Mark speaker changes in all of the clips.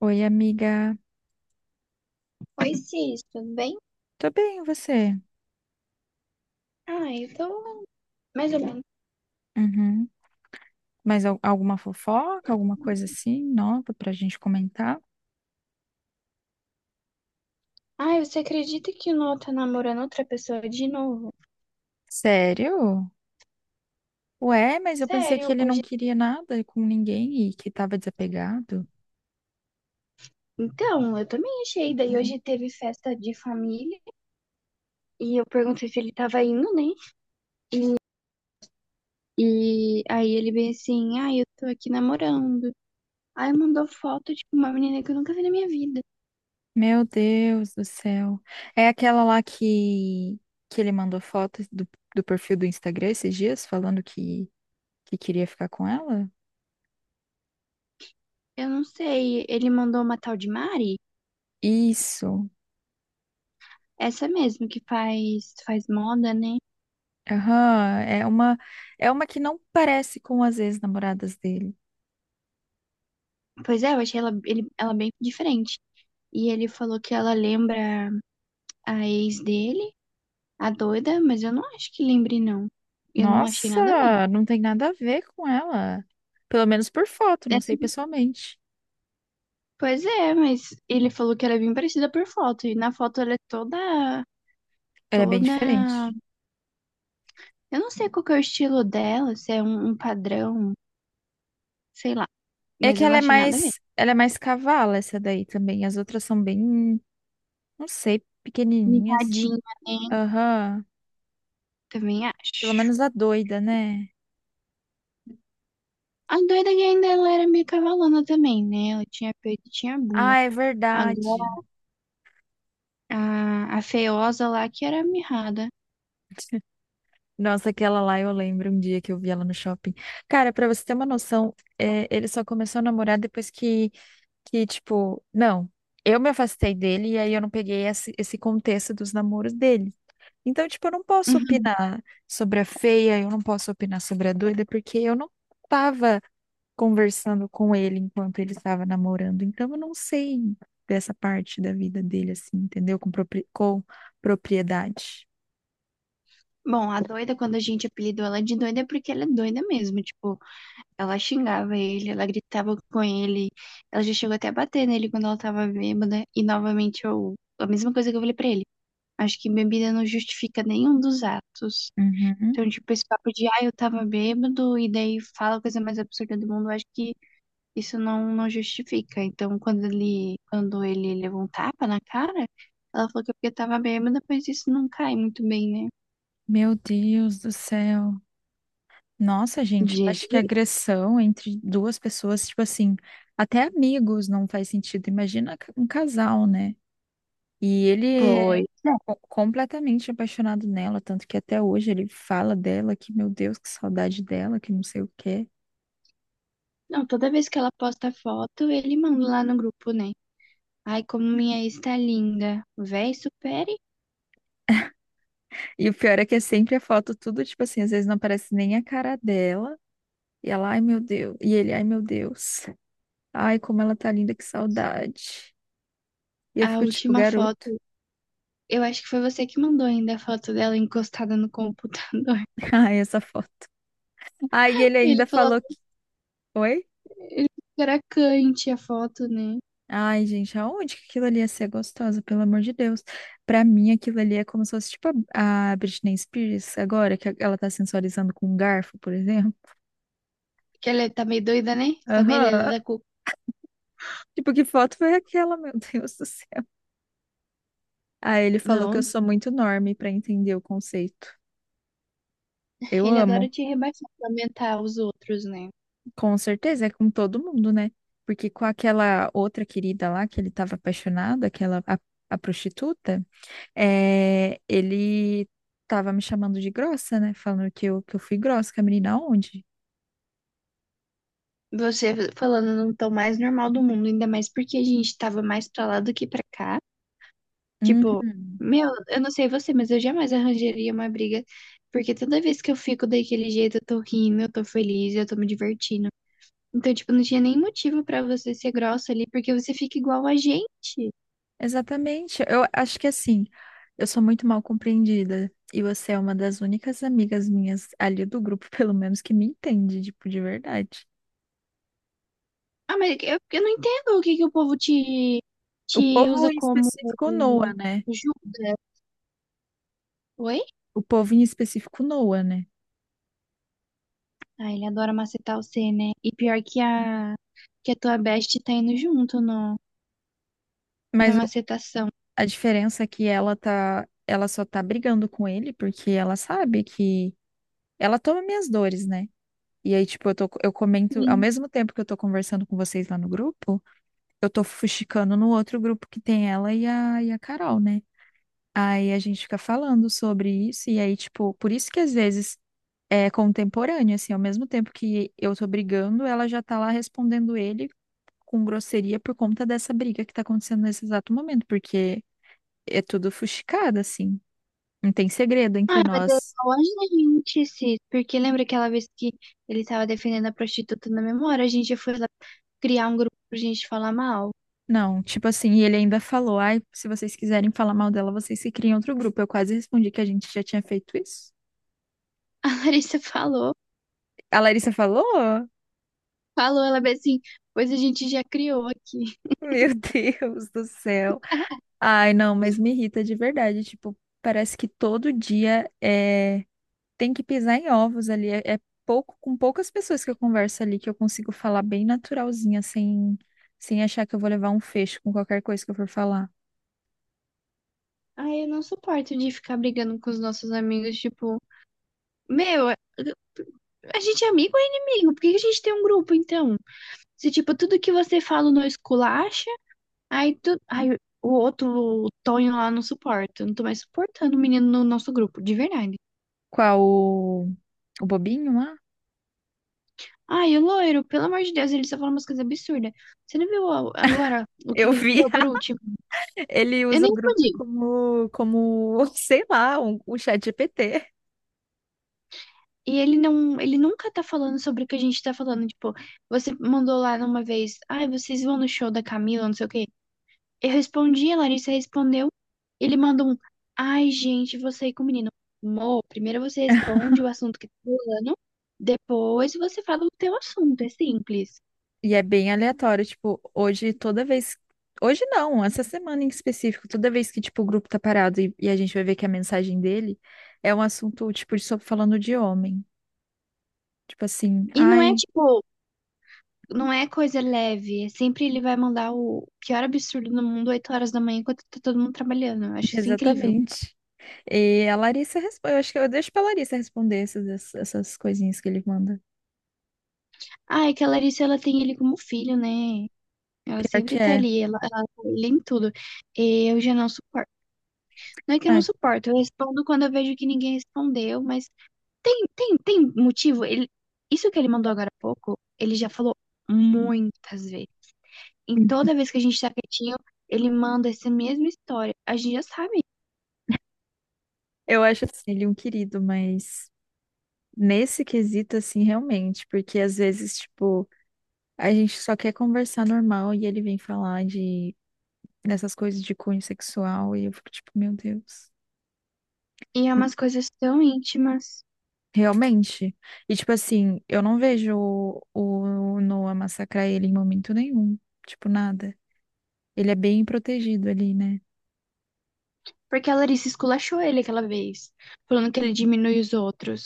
Speaker 1: Oi, amiga.
Speaker 2: Oi, Cis, tudo bem?
Speaker 1: Tô bem, e você?
Speaker 2: Ah, eu tô mais ou menos.
Speaker 1: Uhum. Mas alguma fofoca, alguma coisa assim nova pra gente comentar?
Speaker 2: Ai, você acredita que o Noah tá namorando outra pessoa de novo?
Speaker 1: Sério? Ué, mas eu pensei que
Speaker 2: Sério,
Speaker 1: ele não
Speaker 2: hoje.
Speaker 1: queria nada com ninguém e que tava desapegado.
Speaker 2: Então, eu também achei. Daí hoje teve festa de família e eu perguntei se ele tava indo, né? E aí ele bem assim, ai, eu tô aqui namorando. Aí mandou foto de uma menina que eu nunca vi na minha vida.
Speaker 1: Meu Deus do céu. É aquela lá que ele mandou fotos do perfil do Instagram esses dias, falando que queria ficar com ela?
Speaker 2: Eu não sei, ele mandou uma tal de Mari?
Speaker 1: Isso.
Speaker 2: Essa mesmo que faz moda, né?
Speaker 1: Aham, é é uma que não parece com as ex-namoradas dele.
Speaker 2: Pois é, eu achei ela, ela bem diferente. E ele falou que ela lembra a ex dele, a doida, mas eu não acho que lembre, não. Eu não achei
Speaker 1: Nossa,
Speaker 2: nada a ver.
Speaker 1: não tem nada a ver com ela. Pelo menos por foto,
Speaker 2: É
Speaker 1: não sei
Speaker 2: assim,
Speaker 1: pessoalmente.
Speaker 2: pois é, mas ele falou que ela é bem parecida por foto. E na foto ela é toda,
Speaker 1: Ela é bem
Speaker 2: toda.
Speaker 1: diferente.
Speaker 2: Eu não sei qual que é o estilo dela, se é um padrão, sei lá.
Speaker 1: É
Speaker 2: Mas
Speaker 1: que
Speaker 2: eu não
Speaker 1: ela é
Speaker 2: achei nada a ver.
Speaker 1: ela é mais cavala essa daí também. As outras são bem, não sei, pequenininhas.
Speaker 2: Mirradinha, né?
Speaker 1: Aham.
Speaker 2: Também
Speaker 1: Pelo
Speaker 2: acho.
Speaker 1: menos a doida, né?
Speaker 2: A doida que ainda ela era meio cavalona também, né? Ela tinha peito e tinha bunda.
Speaker 1: Ah, é
Speaker 2: Agora
Speaker 1: verdade.
Speaker 2: a feiosa lá que era mirrada.
Speaker 1: Nossa, aquela lá eu lembro um dia que eu vi ela no shopping. Cara, pra você ter uma noção, é, ele só começou a namorar depois que, tipo, não, eu me afastei dele e aí eu não peguei esse contexto dos namoros dele. Então, tipo, eu não posso opinar sobre a feia, eu não posso opinar sobre a doida, porque eu não estava conversando com ele enquanto ele estava namorando. Então, eu não sei dessa parte da vida dele, assim, entendeu? Com propriedade.
Speaker 2: Bom, a doida, quando a gente apelidou ela de doida, é porque ela é doida mesmo. Tipo, ela xingava ele, ela gritava com ele, ela já chegou até a bater nele quando ela tava bêbada. E novamente, eu, a mesma coisa que eu falei pra ele. Acho que bebida não justifica nenhum dos atos.
Speaker 1: Uhum.
Speaker 2: Então, tipo, esse papo de, ah, eu tava bêbado, e daí fala a coisa mais absurda do mundo, eu acho que isso não justifica. Então, quando ele levou um tapa na cara, ela falou que é porque tava bêbada, mas isso não cai muito bem, né?
Speaker 1: Meu Deus do céu. Nossa, gente, eu acho que
Speaker 2: Jesse,
Speaker 1: agressão entre duas pessoas, tipo assim, até amigos não faz sentido. Imagina um casal, né? E ele é
Speaker 2: pois.
Speaker 1: completamente apaixonado nela, tanto que até hoje ele fala dela que, meu Deus, que saudade dela, que não sei o quê.
Speaker 2: Não, toda vez que ela posta foto, ele manda lá no grupo, né? Ai, como minha ex tá linda. Véi, supere.
Speaker 1: E o pior é que é sempre a foto, tudo, tipo assim, às vezes não aparece nem a cara dela. E ela, ai meu Deus. E ele, ai meu Deus. Ai, como ela tá linda, que saudade. E eu
Speaker 2: A
Speaker 1: fico tipo,
Speaker 2: última
Speaker 1: garoto.
Speaker 2: foto, eu acho que foi você que mandou ainda a foto dela encostada no computador.
Speaker 1: Ai, essa foto. Ai, ele
Speaker 2: Ele
Speaker 1: ainda
Speaker 2: falou,
Speaker 1: falou que. Oi?
Speaker 2: ele falou que era cante a foto, né?
Speaker 1: Ai, gente, aonde que aquilo ali ia ser gostosa, pelo amor de Deus. Pra mim, aquilo ali é como se fosse tipo a Britney Spears agora, que ela tá sensualizando com um garfo, por exemplo.
Speaker 2: Que ela tá meio doida, né? Também ele é
Speaker 1: Aham.
Speaker 2: da cu...
Speaker 1: Tipo, que foto foi aquela, meu Deus do céu? Aí ele falou que eu
Speaker 2: Não,
Speaker 1: sou muito enorme pra entender o conceito. Eu
Speaker 2: ele
Speaker 1: amo,
Speaker 2: adora te rebaixar, lamentar os outros, né?
Speaker 1: com certeza, é com todo mundo, né? Porque com aquela outra querida lá que ele tava apaixonado, aquela a prostituta. É, ele tava me chamando de grossa, né? Falando que que eu fui grossa, que a menina aonde?
Speaker 2: Você falando no tom mais normal do mundo, ainda mais porque a gente tava mais pra lá do que pra cá. Tipo,
Speaker 1: Uhum.
Speaker 2: meu, eu não sei você, mas eu jamais arranjaria uma briga, porque toda vez que eu fico daquele jeito, eu tô rindo, eu tô feliz, eu tô me divertindo. Então, tipo, não tinha nem motivo pra você ser grossa ali, porque você fica igual a gente.
Speaker 1: Exatamente. Eu acho que assim, eu sou muito mal compreendida. E você é uma das únicas amigas minhas ali do grupo, pelo menos, que me entende, tipo, de verdade.
Speaker 2: Ah, mas eu não entendo o que que o povo te,
Speaker 1: O
Speaker 2: te usa
Speaker 1: povo em
Speaker 2: como
Speaker 1: específico Noa, né?
Speaker 2: Judas. Oi?
Speaker 1: O povo em específico Noa, né?
Speaker 2: Ah, ele adora macetar você, né? E pior que que a tua best tá indo junto no, na
Speaker 1: Mas o-
Speaker 2: macetação.
Speaker 1: a diferença é que ela tá, ela só tá brigando com ele porque ela sabe que ela toma minhas dores, né? E aí, tipo, eu comento, ao mesmo tempo que eu tô conversando com vocês lá no grupo, eu tô fuxicando no outro grupo que tem ela e a Carol, né? Aí a gente fica falando sobre isso, e aí, tipo, por isso que às vezes é contemporâneo, assim, ao mesmo tempo que eu tô brigando, ela já tá lá respondendo ele com grosseria por conta dessa briga que tá acontecendo nesse exato momento, porque é tudo fuxicado, assim. Não tem segredo entre
Speaker 2: Ah, mas é
Speaker 1: nós.
Speaker 2: igual a gente, Cis, porque lembra aquela vez que ele tava defendendo a prostituta na memória? A gente foi lá criar um grupo pra gente falar mal.
Speaker 1: Não, tipo assim, e ele ainda falou, ai, se vocês quiserem falar mal dela, vocês se criem outro grupo. Eu quase respondi que a gente já tinha feito isso.
Speaker 2: A Larissa falou,
Speaker 1: A Larissa falou?
Speaker 2: falou, ela bem assim, pois a gente já criou aqui.
Speaker 1: Meu Deus do céu. Ai, não, mas me irrita de verdade. Tipo, parece que todo dia é... tem que pisar em ovos ali. É pouco, com poucas pessoas que eu converso ali que eu consigo falar bem naturalzinha, sem, sem achar que eu vou levar um fecho com qualquer coisa que eu for falar.
Speaker 2: Ai, eu não suporto de ficar brigando com os nossos amigos, tipo, meu, a gente é amigo ou é inimigo? Por que que a gente tem um grupo, então? Se, tipo, tudo que você fala não esculacha, aí, aí o outro, o Tonho lá, não suporta. Eu não tô mais suportando o menino no nosso grupo, de verdade.
Speaker 1: Qual o, o bobinho lá?
Speaker 2: Ai, o loiro, pelo amor de Deus, ele só fala umas coisas absurdas. Você não viu agora o que
Speaker 1: Eu
Speaker 2: que ele
Speaker 1: vi.
Speaker 2: falou por último?
Speaker 1: Ele
Speaker 2: Eu
Speaker 1: usa
Speaker 2: nem
Speaker 1: o grupo
Speaker 2: respondi.
Speaker 1: como sei lá, um chat GPT.
Speaker 2: E ele ele nunca tá falando sobre o que a gente tá falando. Tipo, você mandou lá numa vez, ai, vocês vão no show da Camila, não sei o quê. Eu respondi, a Larissa respondeu. Ele mandou um, ai, gente, vou sair com o menino. Amor, primeiro você responde o assunto que tá falando, depois você fala o teu assunto, é simples.
Speaker 1: E é bem aleatório, tipo, hoje toda vez. Hoje não, essa semana em específico, toda vez que, tipo, o grupo tá parado e a gente vai ver que a mensagem dele é um assunto, tipo, de só falando de homem. Tipo assim,
Speaker 2: E
Speaker 1: ai,
Speaker 2: não é coisa leve. É Sempre ele vai mandar o pior absurdo do mundo 8 horas da manhã enquanto tá todo mundo trabalhando. Eu acho isso incrível.
Speaker 1: exatamente. E a Larissa responde, eu acho que eu deixo pra Larissa responder essas coisinhas que ele manda.
Speaker 2: Ah, é que a Larissa, ela tem ele como filho, né? Ela
Speaker 1: Pior
Speaker 2: sempre
Speaker 1: que
Speaker 2: tá
Speaker 1: é.
Speaker 2: ali, ela tá ali em tudo. E eu já não suporto. Não é que eu
Speaker 1: Ai,
Speaker 2: não suporto, eu respondo quando eu vejo que ninguém respondeu, mas tem motivo. Ele, isso que ele mandou agora há pouco, ele já falou muitas vezes. Em toda vez que a gente tá quietinho, ele manda essa mesma história. A gente já sabe.
Speaker 1: eu acho assim, ele é um querido, mas. Nesse quesito, assim, realmente, porque às vezes, tipo, a gente só quer conversar normal e ele vem falar de dessas coisas de cunho sexual e eu fico tipo, meu Deus.
Speaker 2: E é
Speaker 1: Hum,
Speaker 2: umas coisas tão íntimas.
Speaker 1: realmente. E tipo assim, eu não vejo o Noah massacrar ele em momento nenhum, tipo, nada. Ele é bem protegido ali, né?
Speaker 2: Porque a Larissa esculachou ele aquela vez, falando que ele diminui os outros.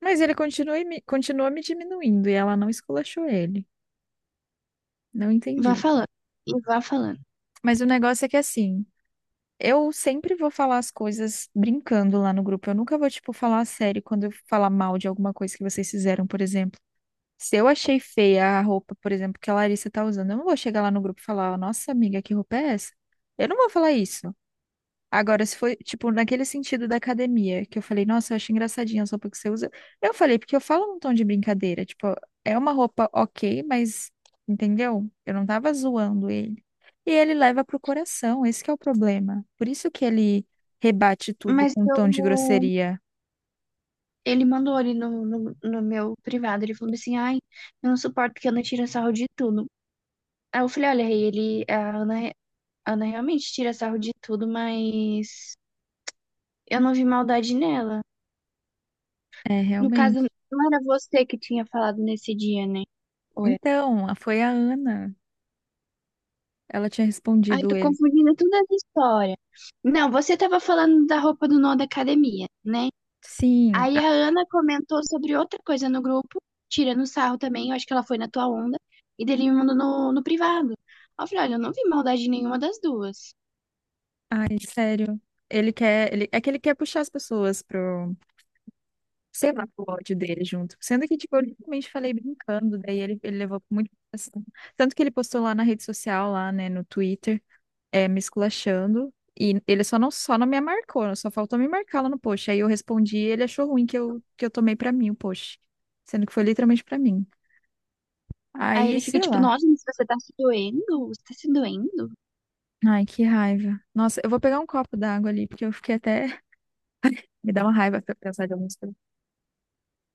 Speaker 1: Mas ele continua, continua me diminuindo e ela não esculachou ele. Não
Speaker 2: Vá
Speaker 1: entendi.
Speaker 2: falando, e vá falando.
Speaker 1: Mas o negócio é que assim. Eu sempre vou falar as coisas brincando lá no grupo. Eu nunca vou, tipo, falar a sério quando eu falar mal de alguma coisa que vocês fizeram, por exemplo. Se eu achei feia a roupa, por exemplo, que a Larissa tá usando, eu não vou chegar lá no grupo e falar, nossa, amiga, que roupa é essa? Eu não vou falar isso. Agora, se foi, tipo, naquele sentido da academia, que eu falei, nossa, eu acho engraçadinha a roupa que você usa. Eu falei, porque eu falo num tom de brincadeira, tipo, é uma roupa ok, mas, entendeu? Eu não tava zoando ele. E ele leva pro coração, esse que é o problema. Por isso que ele rebate tudo
Speaker 2: Mas
Speaker 1: com um tom de
Speaker 2: eu...
Speaker 1: grosseria.
Speaker 2: ele mandou ali no meu privado, ele falou assim, ai, eu não suporto que a Ana tira sarro de tudo. Aí eu falei, olha, Rei, a Ana realmente tira sarro de tudo, mas eu não vi maldade nela.
Speaker 1: É,
Speaker 2: No caso,
Speaker 1: realmente.
Speaker 2: não era você que tinha falado nesse dia, né? Ou é?
Speaker 1: Então, foi a Ana. Ela tinha
Speaker 2: Ai,
Speaker 1: respondido
Speaker 2: tô
Speaker 1: ele.
Speaker 2: confundindo toda essa história. Não, você tava falando da roupa do nó da academia, né?
Speaker 1: Sim,
Speaker 2: Aí
Speaker 1: a-
Speaker 2: a Ana comentou sobre outra coisa no grupo, tirando sarro também, eu acho que ela foi na tua onda, e dele me mandou no privado. Aí eu falei, olha, eu não vi maldade nenhuma das duas.
Speaker 1: ai, sério. Ele quer, ele, é que ele quer puxar as pessoas pro sei lá, o ódio dele junto. Sendo que, tipo, eu literalmente falei brincando, daí ele levou muito assim. Tanto que ele postou lá na rede social, lá, né, no Twitter, é, me esculachando. E ele só não me marcou, né? Só faltou me marcar lá no post. Aí eu respondi e ele achou ruim que eu tomei pra mim o post. Sendo que foi literalmente pra mim.
Speaker 2: Aí
Speaker 1: Aí,
Speaker 2: ele fica
Speaker 1: sei
Speaker 2: tipo,
Speaker 1: lá.
Speaker 2: nossa, mas você tá se doendo? Você tá se doendo?
Speaker 1: Ai, que raiva. Nossa, eu vou pegar um copo d'água ali, porque eu fiquei até. Me dá uma raiva pra pensar de algumas coisas.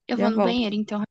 Speaker 2: Eu
Speaker 1: Já
Speaker 2: vou no
Speaker 1: volto.
Speaker 2: banheiro, então,